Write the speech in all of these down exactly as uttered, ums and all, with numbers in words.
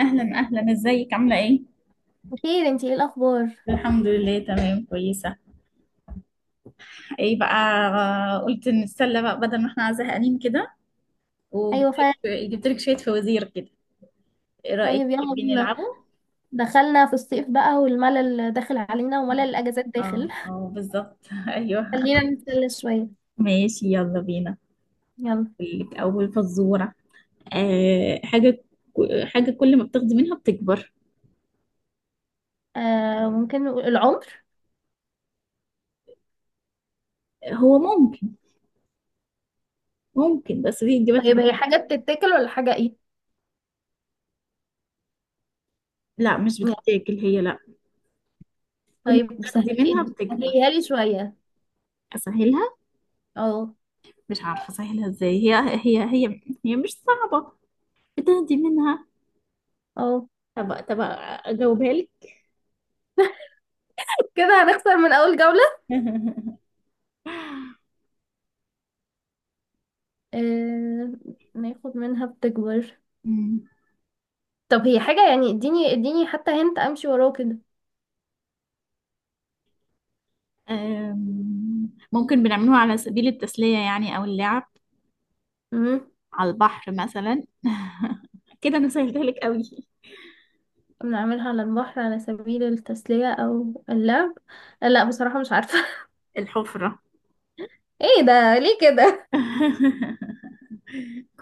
اهلا اهلا، ازيك؟ عامله ايه؟ بخير، انتي ايه الاخبار؟ الحمد لله، تمام، كويسه. ايه بقى؟ آه، قلت نتسلى بقى بدل ما احنا زهقانين كده. وجبت ايوه لك. فعلا. جبت لك شويه فوازير كده. ايه رايك، طيب يلا تحبين بينا. نلعبه؟ دخلنا في الصيف بقى والملل داخل علينا وملل الاجازات داخل. اه، اه، بالظبط. ايوه. خلينا نتسلى شويه. ماشي، يلا بينا. يلا. أقول لك اول فزوره. أه حاجه. حاجه كل ما بتاخدي منها بتكبر. آه، ممكن نقول العمر. هو ممكن. ممكن، بس دي اجابتها. طيب هي حاجه بتتاكل ولا حاجه ايه لا، مش يعني؟ بتتاكل هي، لا. كل ما طيب بتاخدي منها سهلي بتكبر. سهليها لي شويه. اسهلها. اه مش عارفة سهلها ازاي هي. هي هي هي مش صعبة. بتهدي منها. اه، طب طب اجاوبها لك. كده هنخسر من اول جوله. آه، ناخد منها بتكبر. طب هي حاجه يعني، اديني اديني حتى هنت امشي وراه. أمم، ممكن بنعملوها على سبيل التسلية، يعني او اللعب. كده على البحر مثلا. كده انا سهلتها لك قوي. بنعملها على البحر على سبيل التسلية أو اللعب. لا بصراحة مش عارفة. الحفرة. ايه ده ليه كده؟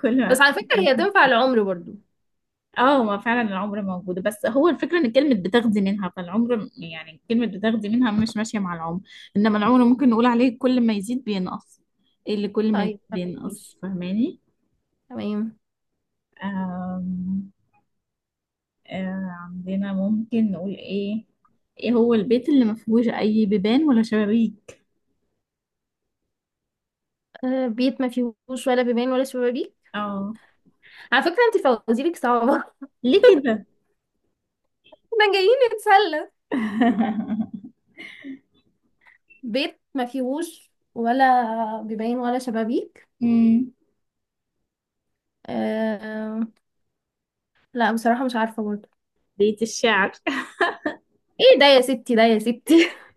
كل بس ما. على فكرة هي تنفع العمر برضو. اه، ما فعلا العمر موجودة، بس هو الفكرة ان كلمة بتاخدي منها، فالعمر م- يعني كلمة بتاخدي منها مش ماشية مع العمر. انما العمر ممكن نقول عليه كل ما يزيد بينقص. إيه اللي كل ما يزيد طيب تمام، بينقص، ماشي. فاهماني؟ تمام. آم، آه عندنا ممكن نقول ايه. ايه هو البيت اللي ما فيهوش اي بيبان ولا شبابيك؟ آه، بيت ما فيهوش ولا بيبان ولا شبابيك. اه. على فكرة انت فوازيرك صعبة. ليه كده؟ احنا جايين نتسلى. بيت ما فيهوش ولا بيبان ولا شبابيك. مم. آه. لا بصراحة مش عارفة برضو. بيت الشعر. ايه ده يا ستي، ده يا ستي!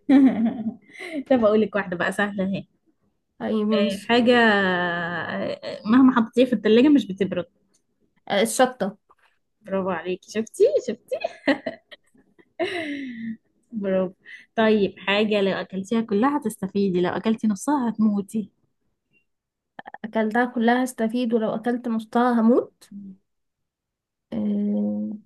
طب اقول لك واحدة بقى سهلة اهي. طيب آه، ماشي. حاجة آه، مهما حطيتيها في التلاجة مش بتبرد. آه، الشطة. برافو عليكي، شفتي شفتي. برافو. طيب، حاجة لو أكلتيها كلها هتستفيدي، لو أكلتي نصها هتموتي. أكلتها كلها هستفيد، ولو أكلت نصها هموت. آه،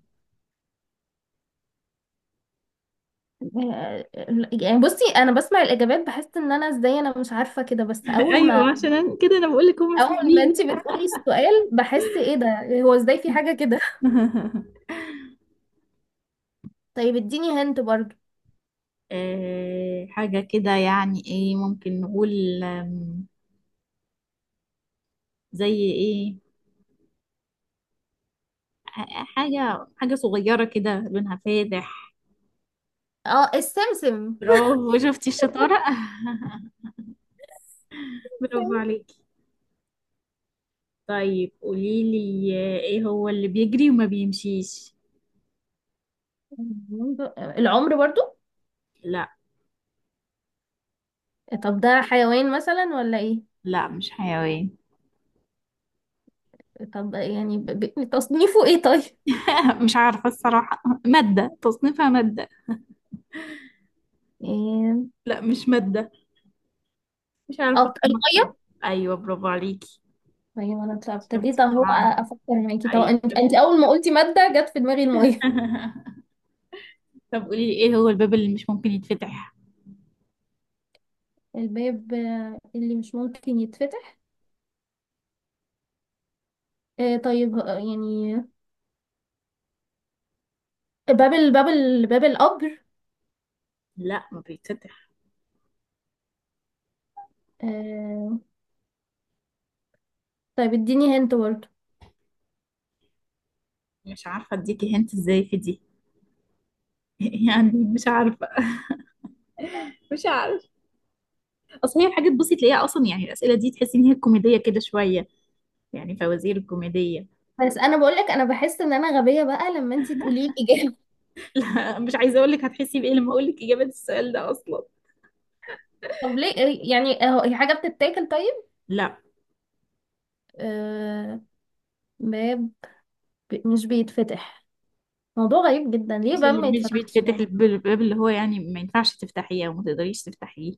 آه، يعني بصي، انا بسمع الاجابات بحس ان انا ازاي، انا مش عارفه كده. بس اول ما أيوة، عشان كده أنا بقول لك هما اول ما سهلين. انتي بتقولي السؤال بحس ايه ده، هو ازاي في حاجه كده! طيب اديني هنت برضو. آه، حاجة كده، يعني إيه، ممكن نقول، آم، زي إيه؟ ح- حاجة حاجة صغيرة كده لونها فاتح. اه، السمسم. برافو، شفتي الشطارة. برافو عليكي. طيب قوليلي، آه، ايه هو اللي بيجري وما بيمشيش؟ العمر برضو. لا. طب ده حيوان مثلا ولا ايه؟ لا، مش حيوان. طب يعني ب... ب... تصنيفه ايه طيب؟ مش عارفة الصراحة، مادة، تصنيفها مادة. إيه... لا، مش مادة. مش عارفة اه، أقيمها. الميه. ايوه برافو عليكي. طيب انا ابتديت شفتي اهو طبعا. افكر معاكي. طب ايوه انت شفتي. انت اول ما قلتي ماده جت في دماغي الميه. طب قولي لي، ايه هو الباب اللي مش ممكن يتفتح؟ الباب آه، اللي مش ممكن يتفتح. آه، طيب، آه، يعني باب ال- باب ال- باب القبر. لا، ما بيتفتح. آه. طيب اديني هنت برضه. مش عارفة اديكي هنت ازاي في دي. يعني مش عارفة. مش عارفة. اصل هي الحاجات بصي تلاقيها اصلا، يعني الاسئلة دي تحسي ان هي كوميدية كده شوية. يعني فوازير كوميدية. بس انا بقولك انا بحس ان انا غبية بقى لما انتي تقولي لي اجابة. لا، مش عايزه اقول لك هتحسي بايه لما اقول لك اجابه السؤال ده اصلا. طب ليه؟ آه، يعني اهو هي حاجة بتتاكل طيب؟ لا، آه، باب مش بيتفتح. موضوع غريب جدا، ليه مش باب ما اللي مش يتفتحش بيتفتح، يعني؟ الب- الباب اللي هو يعني ما ينفعش تفتحيه او ما تقدريش تفتحيه.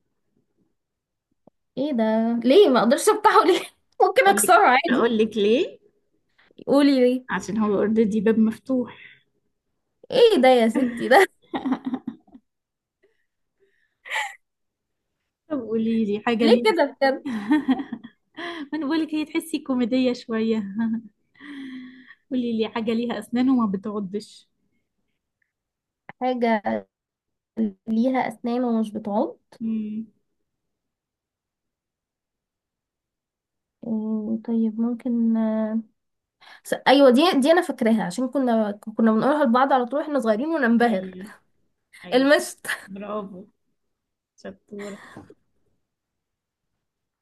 ايه ده؟ ليه ما اقدرش افتحه ليه؟ ممكن اقول لك. اكسره عادي. اقول لك ليه. قولي ليه. عشان هو اوريدي، باب مفتوح. ايه ده يا ستي ده! طب قولي لي حاجه ليه ليها. كده بجد؟ ما انا بقولك، هي تحسي كوميديه شويه. قولي لي حاجه ليها اسنان وما بتعضش. حاجة ليها أسنان ومش بتعض. امم. إيه طيب؟ ممكن آه، س- ايوه، دي دي انا فاكراها عشان كنا كنا بنقولها لبعض على طول احنا صغيرين وننبهر. ايوه. ايوه، المشط. برافو، شطوره.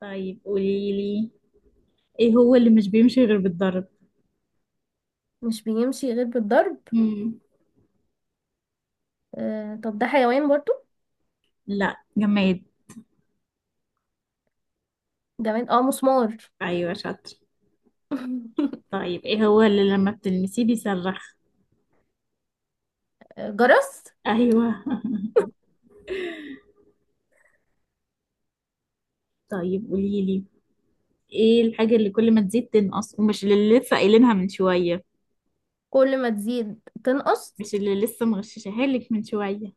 طيب قولي لي، ايه هو اللي مش بيمشي غير بالضرب؟ مش بيمشي غير بالضرب. امم. آه، طب ده حيوان برضو؟ لا، جماد. جماد. اه، مسمار. ايوه شاطر. طيب، ايه هو اللي لما بتلمسيه بيصرخ؟ آه، جرس. ايوه. طيب قولي لي، ايه الحاجه اللي كل ما تزيد تنقص، ومش اللي لسه قايلينها من شويه. كل ما تزيد تنقص. مش اللي لسه مغششها لك من شويه.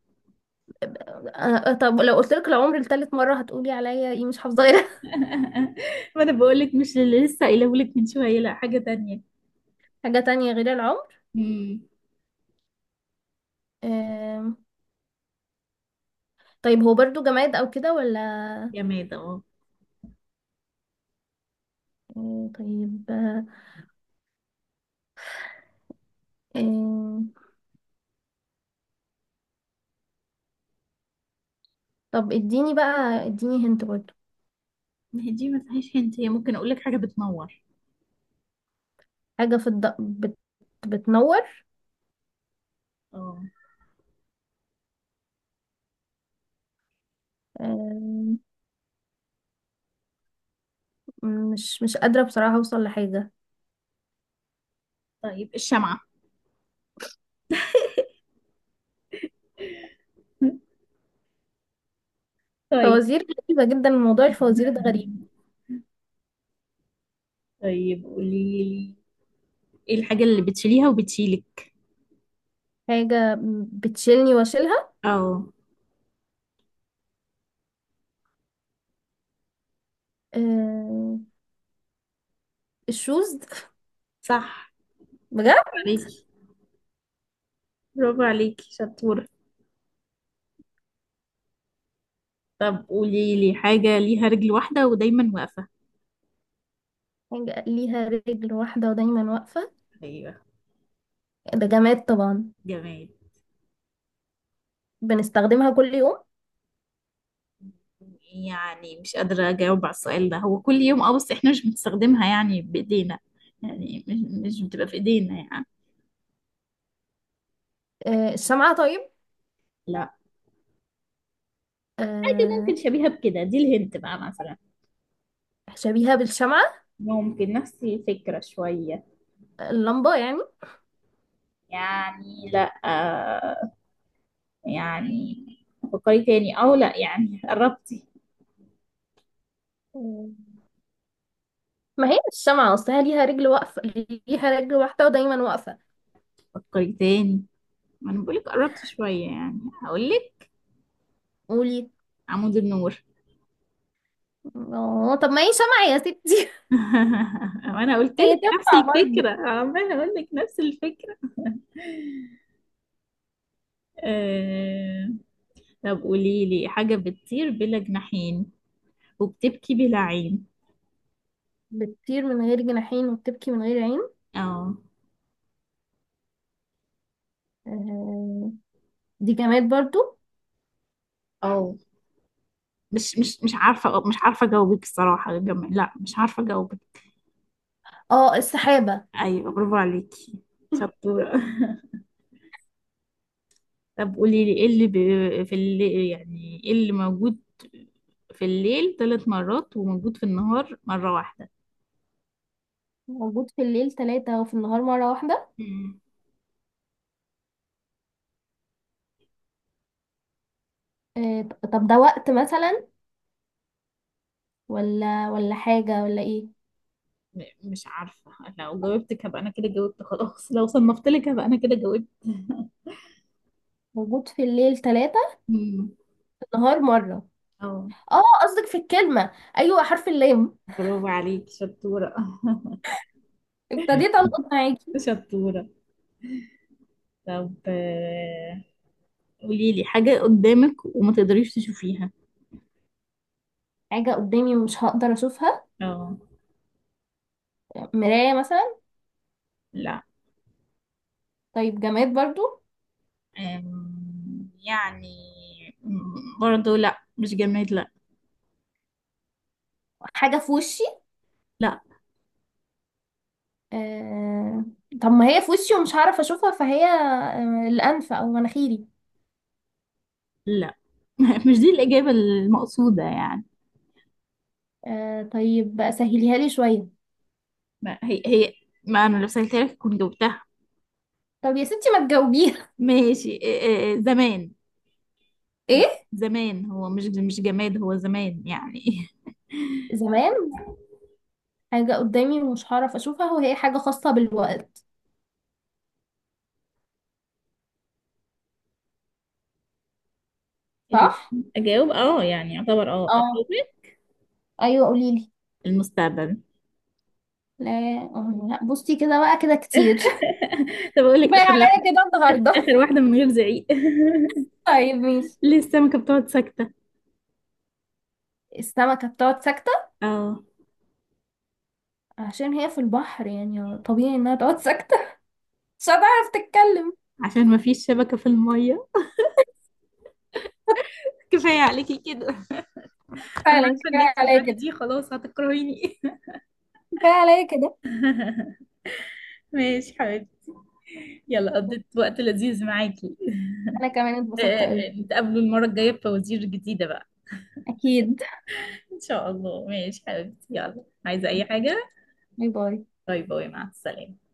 آه، طب لو قلت لك العمر لتالت مرة هتقولي عليا ايه، مش حافظة غيرها؟ ما انا بقول لك مش اللي لسه قايله لك من شويه، لا، حاجه تانية. حاجة تانية غير العمر. امم. آم، طيب هو برضو جماد او كده ولا؟ جماد، اه. آه، طيب. آه، آم، طب اديني بقى، اديني هنت برضو. ما هي دي ما فيهاش هنت، هي ممكن اقول لك حاجه بتنور. حاجة في الد... بت... بتنور. اه. آه، مش مش قادرة بصراحة أوصل لحاجة. طيب الشمعه. طيب. فوازير غريبة جدا، موضوع الفوازير ده غريب. طيب قولي لي، ايه الحاجه اللي بتشيليها وبتشيلك؟ حاجة بتشيلني واشيلها. اه آه، الشوز. صح. بجد. عليك. برافو عليكي، شطورة. طب قولي لي حاجة ليها رجل واحدة ودايما واقفة. حاجة ليها رجل واحدة ودايما واقفة. ايوه. ده جماد طبعا. جمال. بنستخدمها كل يوم. يعني مش قادرة أجاوب على السؤال ده، هو كل يوم اه، بس احنا مش بنستخدمها يعني بإيدينا. يعني مش مش بتبقى في إيدينا يعني. آه، الشمعة طيب. لا. حاجة آه، ممكن شبيهة بكده، دي الهنت بقى مثلا. شبيهة بالشمعة. ممكن نفس الفكرة شوية. اللمبة يعني. يعني لا، آه. يعني. فكري تاني، أو لا يعني قربتي. آه، ما هي الشمعة أصلها ليها رجل واقفة، ليها رجل واحدة ودايما واقفة. فكري تاني. ما أنا بقولك قربت شوية، يعني هقولك. قولي. عمود النور. اه طب ما هي سمع يا ستي! وانا قلت هي لك نفس تنفع برضه. الفكره، عماله اقول لك نفس الفكره. آه... طب قولي لي حاجه بتطير بلا جناحين وبتبكي بلا عين. بتطير من غير جناحين وبتبكي من غير عين. اه. آه، دي جماد برضو. اه. مش مش مش عارفه، مش عارفه اجاوبك الصراحه، جم... لا، مش عارفه اجاوبك. اه، السحابة. ايوه برافو عليكي، شطوره. طب قولي لي، ايه اللي ب... في اللي يعني، ايه اللي موجود في الليل ثلاث مرات وموجود في النهار مره موجود في الليل ثلاثة وفي النهار مرة واحدة. واحده؟ آه ط- طب ده وقت مثلا ولا ولا حاجة ولا ايه؟ م- مش عارفة، لو جاوبتك هبقى أنا كده جاوبت خلاص، لو صنفت لك هبقى أنا كده جاوبت. موجود في الليل ثلاثة، مم. في النهار مرة. اه. اه قصدك في الكلمة. ايوه، حرف اللام. برافو عليك، شطورة. ابتديت القط معاكي. شطورة. طب، آه، قولي لي حاجة قدامك وما تقدريش تشوفيها. حاجة قدامي مش هقدر اشوفها. اه. مراية مثلا. لا. طيب جماد برضو. أم، يعني. م- برضو لا، مش جماد، لا. حاجة في وشي. لا، آه، طب ما هي في وشي ومش هعرف اشوفها، فهي آه، الانف او مناخيري. لا. مش دي الإجابة المقصودة يعني. آه، طيب سهليها لي شويه. ما هي هي، ما أنا لو سألتها لك كنت جاوبتها. طب يا ستي ما تجاوبيها. ماشي، آه، آه، زمان. ايه؟ زمان هو مش مش جماد، هو زمان يعني. زمان. حاجه قدامي ومش هعرف اشوفها وهي حاجه خاصه بالوقت، ال- صح؟ اجاوب، اه يعني يعتبر، اه اه اجاوب. ايوه، قولي لي. المستقبل. لا. آه، لا، بصي كده بقى كده كتير. طب اقول لك كفايه اخر واحده. عليا كده النهارده. اخر واحده من غير زعيق. طيب ماشي. ليه السمكة بتقعد ساكتة؟ السمكه بتقعد ساكته اه. عشان هي في البحر، يعني طبيعي انها تقعد ساكته. مش هتعرف تتكلم. عشان مفيش شبكة في المية. كفاية عليكي كده. انا فعلا عارفه ان انت كفايه عليا بعد كده. دي خلاص هتكرهيني. كفايه عليا كده. ماشي حبيبتي. يلا، قضيت وقت لذيذ معاكي. انا كمان اتبسطت قوي. آه، نتقابلوا المرة الجاية بفوازير جديدة بقى. اكيد. إن شاء الله، ماشي حبيبتي، يلا، عايزة أي حاجة؟ باي باي. باي باي، مع السلامة.